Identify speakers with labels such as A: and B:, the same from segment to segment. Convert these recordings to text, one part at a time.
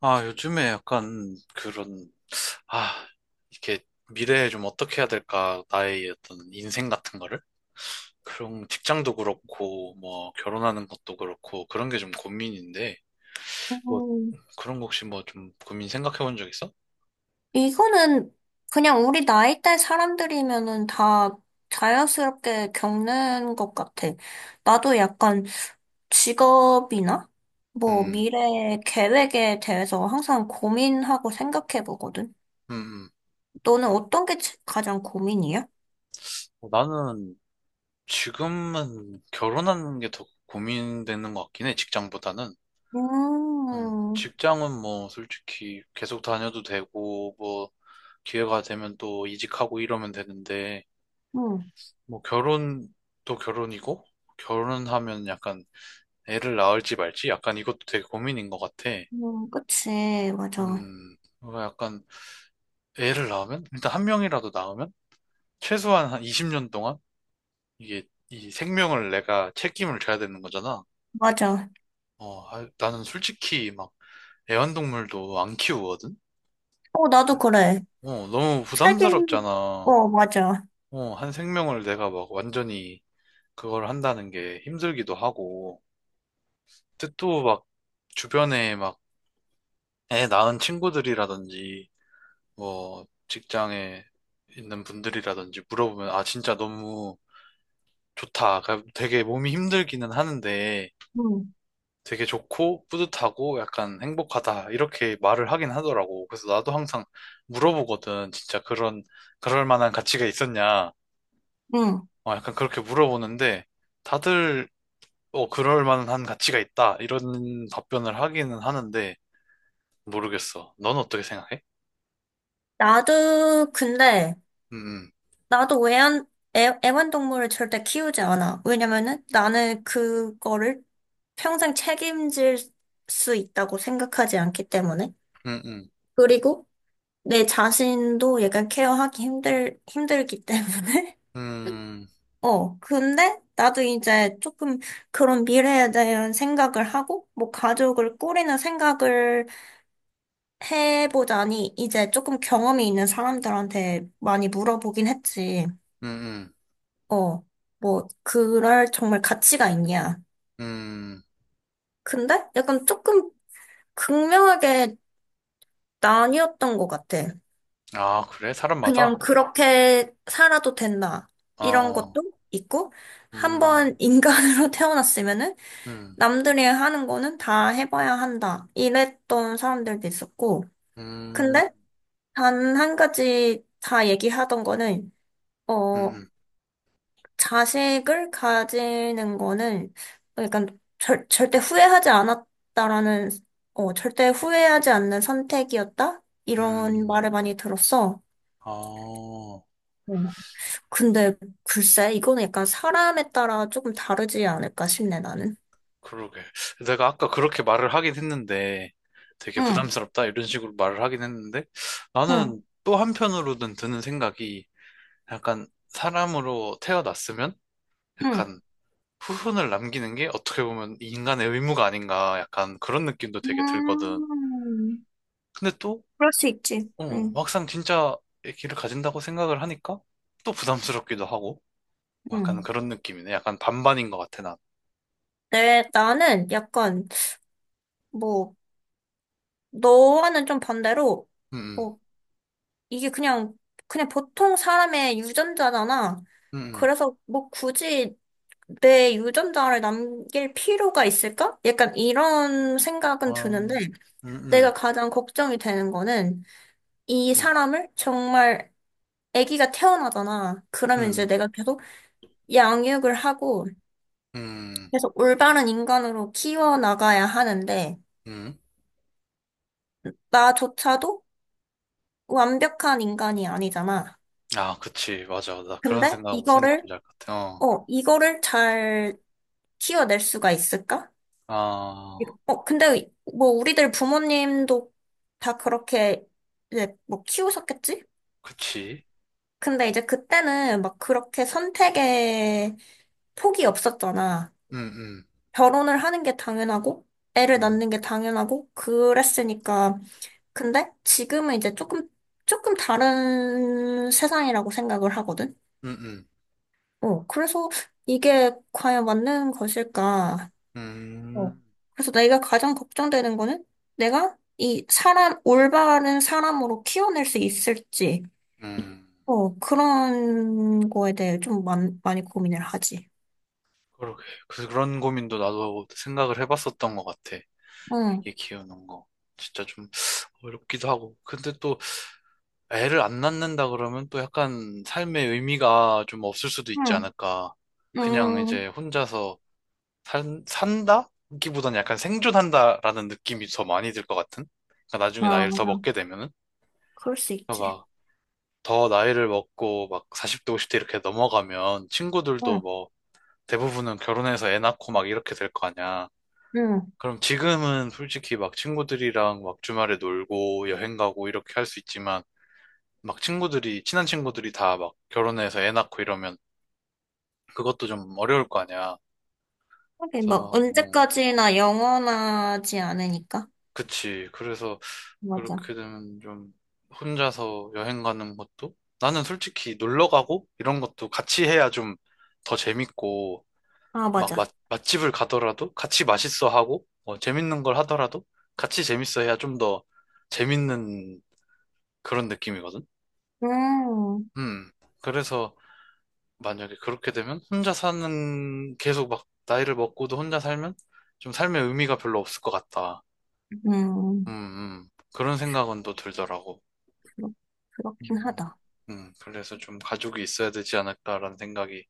A: 아, 요즘에 약간 그런, 아, 이렇게 미래에 좀 어떻게 해야 될까, 나의 어떤 인생 같은 거를? 그런 직장도 그렇고, 뭐, 결혼하는 것도 그렇고, 그런 게 좀 고민인데,
B: 어,
A: 뭐, 그런 거 혹시 뭐 좀 고민 생각해 본 적 있어?
B: 이거는 그냥 우리 나이대 사람들이면은 다 자연스럽게 겪는 것 같아. 나도 약간 직업이나 뭐
A: 음,
B: 미래 계획에 대해서 항상 고민하고 생각해 보거든.
A: 음.
B: 너는 어떤 게 가장 고민이야?
A: 어, 나는 지금은 결혼하는 게 더 고민되는 것 같긴 해, 직장보다는.
B: 음,
A: 직장은 뭐, 솔직히 계속 다녀도 되고, 뭐, 기회가 되면 또 이직하고 이러면 되는데,
B: 음,
A: 뭐 결혼도 결혼이고 결혼하면 약간 애를 낳을지 말지 약간 이것도 되게 고민인 것 같아.
B: 그치, 맞아,
A: 뭔가 약간 애를 낳으면 일단 한 명이라도 낳으면 최소한 한 20년 동안 이게 이 생명을 내가 책임을 져야 되는 거잖아.
B: 맞아.
A: 어, 아, 나는 솔직히 막 애완동물도 안 키우거든.
B: 어, 나도 그래.
A: 어, 너무
B: 책임,
A: 부담스럽잖아.
B: 어, 맞아.
A: 어, 한 생명을 내가 막 완전히 그걸 한다는 게 힘들기도 하고. 근데 또 막 주변에 애 낳은 친구들이라든지, 뭐, 직장에 있는 분들이라든지 물어보면, 아, 진짜 너무 좋다. 그러니까 되게 몸이 힘들기는 하는데,
B: 응,
A: 되게 좋고, 뿌듯하고, 약간 행복하다. 이렇게 말을 하긴 하더라고. 그래서 나도 항상 물어보거든. 진짜 그런, 그럴 만한 가치가 있었냐.
B: 응.
A: 어, 약간 그렇게 물어보는데, 다들, 어, 그럴 만한 가치가 있다. 이런 답변을 하기는 하는데, 모르겠어. 넌 어떻게 생각해?
B: 나도, 근데
A: 음,
B: 나도 애완동물을 절대 키우지 않아. 왜냐면은 나는 그거를 평생 책임질 수 있다고 생각하지 않기 때문에.
A: 음, 음,
B: 그리고 내 자신도 약간 케어하기 힘들기 때문에.
A: 음.
B: 어, 근데 나도 이제 조금 그런 미래에 대한 생각을 하고, 뭐 가족을 꾸리는 생각을 해보자니 이제 조금 경험이 있는 사람들한테 많이 물어보긴 했지.
A: 음,
B: 어, 뭐, 그럴 정말 가치가 있냐.
A: 음, 음.
B: 근데 약간 조금 극명하게 나뉘었던 것 같아.
A: 아, 그래? 사람마다?
B: 그냥 그렇게 살아도 된다.
A: 아,
B: 이런
A: 어.
B: 것도 있고, 한 번
A: 음,
B: 인간으로 태어났으면은
A: 음,
B: 남들이 하는 거는 다 해봐야 한다. 이랬던 사람들도 있었고,
A: 음,
B: 근데 단 한 가지 다 얘기하던 거는,
A: 음,
B: 어,
A: 음.
B: 자식을 가지는 거는 약간 절대 후회하지 않았다라는, 어, 절대 후회하지 않는 선택이었다? 이런
A: 음.
B: 말을 많이 들었어.
A: 아,
B: 어. 근데 글쎄, 이거는 약간 사람에 따라 조금 다르지 않을까 싶네, 나는.
A: 그러게. 내가 아까 그렇게 말을 하긴 했는데, 되게
B: 응,
A: 부담스럽다, 이런 식으로 말을 하긴 했는데,
B: 응,
A: 나는 또 한편으로는 드는 생각이, 약간 사람으로 태어났으면,
B: 응.
A: 약간 후손을 남기는 게 어떻게 보면 인간의 의무가 아닌가, 약간 그런 느낌도 되게 들거든.
B: 음,
A: 근데 또
B: 그럴 수 있지.
A: 어,
B: 응,
A: 막상 진짜 애기를 가진다고 생각을 하니까 또 부담스럽기도 하고 약간
B: 응.
A: 그런 느낌이네. 약간 반반인 것 같아, 난.
B: 네, 나는 약간, 뭐, 너와는 좀 반대로,
A: 음,
B: 뭐, 이게 그냥, 그냥 보통 사람의 유전자잖아.
A: 음, 음, 음.
B: 그래서 뭐 굳이 내 유전자를 남길 필요가 있을까? 약간 이런 생각은
A: 아,
B: 드는데
A: 음,
B: 내가
A: 음,
B: 가장 걱정이 되는 거는 이
A: 음,
B: 사람을 정말 아기가 태어나잖아. 그러면 이제
A: 음,
B: 내가 계속 양육을 하고
A: 음,
B: 계속 올바른 인간으로 키워나가야 하는데
A: 음.
B: 나조차도 완벽한 인간이 아니잖아.
A: 아, 그치, 맞아. 나 그런
B: 근데
A: 생각 무슨
B: 이거를,
A: 느낌인지 알 것 같아. 어,
B: 어, 이거를 잘 키워낼 수가 있을까?
A: 아,
B: 어, 근데 뭐 우리들 부모님도 다 그렇게 이제 뭐 키우셨겠지?
A: 그치.
B: 근데 이제 그때는 막 그렇게 선택에 폭이 없었잖아.
A: 음, 음,
B: 결혼을 하는 게 당연하고, 애를
A: 음,
B: 낳는 게 당연하고, 그랬으니까. 근데 지금은 이제 조금 다른 세상이라고 생각을 하거든?
A: 음, 음,
B: 어, 그래서 이게 과연 맞는 것일까? 어.
A: 음,
B: 그래서 내가 가장 걱정되는 거는 내가 이 사람, 올바른 사람으로 키워낼 수 있을지,
A: 음.
B: 어, 그런 거에 대해 좀 많이 고민을 하지.
A: 그러게. 그런 고민도 나도 생각을 해봤었던 것 같아.
B: 응,
A: 애기 키우는 거. 진짜 좀 어렵기도 하고. 근데 또 애를 안 낳는다 그러면 또 약간 삶의 의미가 좀 없을 수도 있지
B: 응,
A: 않을까. 그냥
B: 응.
A: 이제 혼자서 산다? 기보는 약간 생존한다라는 느낌이 더 많이 들 것 같은? 그러니까 나중에
B: 아,
A: 나이를 더
B: 맞아.
A: 먹게 되면은?
B: 그럴 수
A: 그러니까
B: 있지.
A: 막더 나이를 먹고 막 40대, 50대 이렇게 넘어가면 친구들도
B: 응,
A: 뭐 대부분은 결혼해서 애 낳고 막 이렇게 될 거 아니야.
B: 응.
A: 그럼 지금은 솔직히 막 친구들이랑 막 주말에 놀고 여행 가고 이렇게 할 수 있지만 막 친한 친구들이 다 막 결혼해서 애 낳고 이러면 그것도 좀 어려울 거 아니야.
B: 하긴
A: 그래서
B: 뭐,
A: 막, 어,
B: 언제까지나 영원하지 않으니까.
A: 그치. 그래서
B: 맞아.
A: 그렇게 되면 좀 혼자서 여행 가는 것도 나는 솔직히 놀러 가고 이런 것도 같이 해야 좀 더 재밌고
B: 아,
A: 막
B: 맞아.
A: 맛집을 가더라도 같이 맛있어 하고 뭐 재밌는 걸 하더라도 같이 재밌어 해야 좀 더 재밌는 그런 느낌이거든.
B: 음,
A: 음. 그래서 만약에 그렇게 되면 혼자 사는 계속 막 나이를 먹고도 혼자 살면 좀 삶의 의미가 별로 없을 것 같다. 음,
B: 음,
A: 음. 그런 생각은 또 들더라고.
B: 그렇, 그렇긴
A: 음,
B: 하다.
A: 그래서 좀 가족이 있어야 되지 않을까라는 생각이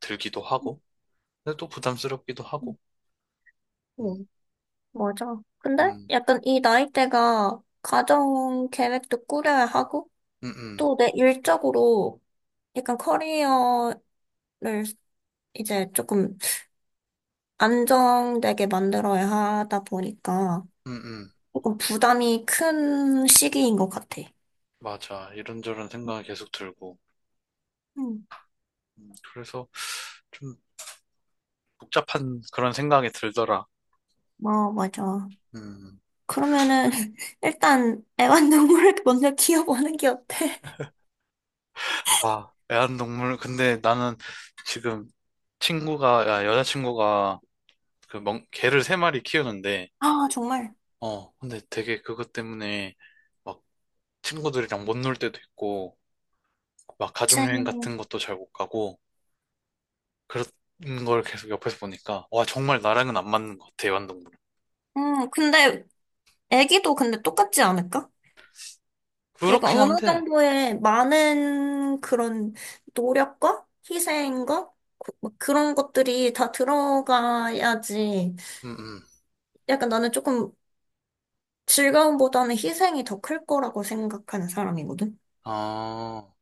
A: 들기도 하고, 근데 또 부담스럽기도
B: 응.
A: 하고. 음,
B: 응. 맞아. 근데
A: 음,
B: 약간 이 나이대가 가정 계획도 꾸려야 하고,
A: 음, 음,
B: 또 내 일적으로 약간 커리어를 이제 조금 안정되게 만들어야 하다 보니까
A: 음, 음.
B: 조금 부담이 큰 시기인 것 같아.
A: 맞아. 이런저런 생각이 계속 들고.
B: 응,
A: 그래서 좀 복잡한 그런 생각이 들더라.
B: 어, 맞아.
A: 음.
B: 그러면은 일단 애완동물을 먼저 키워보는 게 어때?
A: 아, 애완동물. 근데 나는 지금 친구가, 야, 여자친구가 그 개를 세 마리 키우는데,
B: 아, 정말.
A: 어, 근데 되게 그것 때문에 막 친구들이랑 못 놀 때도 있고, 막
B: 그치.
A: 가족여행 같은 것도 잘 못 가고, 그런 걸 계속 옆에서 보니까, 와, 정말 나랑은 안 맞는 것 같아, 애완동물.
B: 응, 근데 애기도 근데 똑같지 않을까? 약간
A: 그렇긴
B: 어느
A: 한데,
B: 정도의 많은 그런 노력과 희생과 뭐 그런 것들이 다 들어가야지.
A: 음, 음.
B: 약간 나는 조금 즐거움보다는 희생이 더 클 거라고 생각하는 사람이거든.
A: 아,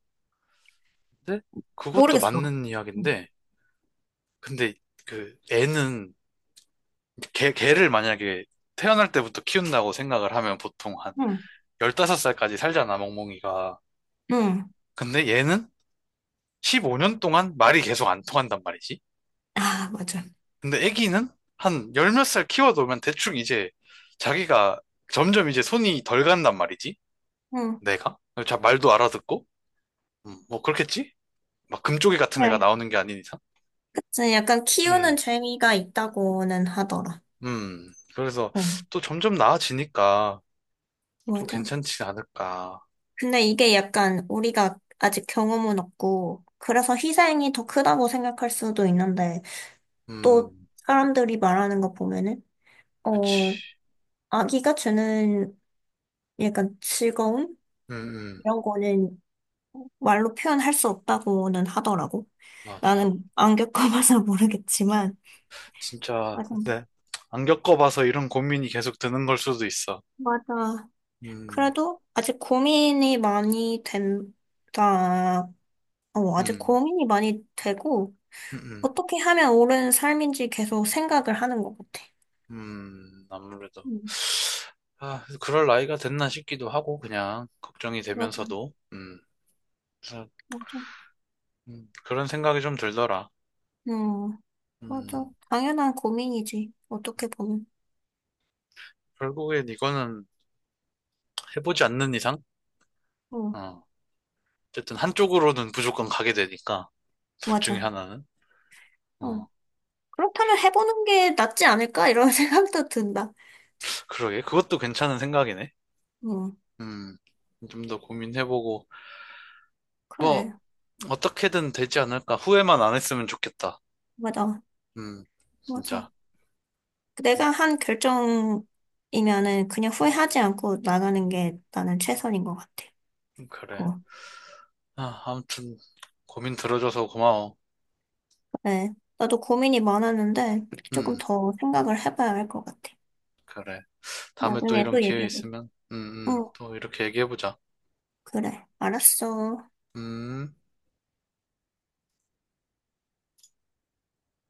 A: 근데 그것도
B: 모르겠어.
A: 맞는
B: 응.
A: 이야기인데, 근데 그 애는, 개를 만약에 태어날 때부터 키운다고 생각을 하면 보통 한
B: 응.
A: 15살까지 살잖아, 멍멍이가.
B: 응.
A: 근데 얘는 15년 동안 말이 계속 안 통한단 말이지.
B: 아, 맞아.
A: 근데 애기는 한 열 몇 살 키워놓으면 대충 이제 자기가 점점 이제 손이 덜 간단 말이지.
B: 응.
A: 내가? 자, 말도 알아듣고? 뭐 그렇겠지? 막 금쪽이 같은 애가
B: 네.
A: 나오는 게 아닌 이상?
B: 그치. 약간 키우는
A: 음,
B: 재미가 있다고는 하더라.
A: 그래서
B: 어,
A: 또 점점 나아지니까 또
B: 맞아.
A: 괜찮지 않을까.
B: 근데 이게 약간 우리가 아직 경험은 없고, 그래서 희생이 더 크다고 생각할 수도 있는데, 또
A: 음,
B: 사람들이 말하는 거 보면은 어
A: 그치.
B: 아기가 주는 약간 즐거움
A: 음, 음.
B: 이런 거는 말로 표현할 수 없다고는 하더라고.
A: 맞아.
B: 나는 안 겪어봐서 모르겠지만
A: 진짜,
B: 맞아.
A: 네. 안 겪어봐서 이런 고민이 계속 드는 걸 수도 있어.
B: 맞아.
A: 음,
B: 그래도 아직 고민이 많이 된다. 어, 아직
A: 음.
B: 고민이 많이 되고
A: 음, 음,
B: 어떻게 하면 옳은 삶인지 계속 생각을 하는 것 같아.
A: 아무래도.
B: 음,
A: 아, 그럴 나이가 됐나 싶기도 하고, 그냥, 걱정이
B: 맞아,
A: 되면서도, 그래서,
B: 맞아.
A: 그런 생각이 좀 들더라.
B: 음, 맞아.
A: 음,
B: 당연한 고민이지. 어떻게 보면.
A: 결국엔 이거는 해보지 않는 이상,
B: 어.
A: 어, 어쨌든 한쪽으로는 무조건 가게 되니까, 둘 중에
B: 맞아.
A: 하나는.
B: 어.
A: 어,
B: 그렇다면 해보는 게 낫지 않을까? 이런 생각도 든다.
A: 그러게, 그것도 괜찮은 생각이네.
B: 응,
A: 음, 좀 더 고민해보고, 뭐,
B: 그래.
A: 어떻게든 되지 않을까. 후회만 안 했으면 좋겠다.
B: 맞아.
A: 음,
B: 맞아.
A: 진짜.
B: 내가 한 결정이면은 그냥 후회하지 않고 나가는 게 나는 최선인 것 같아.
A: 그래.
B: 어,
A: 아, 아무튼 고민 들어줘서 고마워.
B: 그래. 나도 고민이 많았는데 조금
A: 음,
B: 더 생각을 해봐야 할 것 같아.
A: 그래. 다음에 또
B: 나중에
A: 이런
B: 또
A: 기회
B: 얘기해보자.
A: 있으면,
B: 응,
A: 또 이렇게 얘기해보자.
B: 그래. 알았어.
A: 음.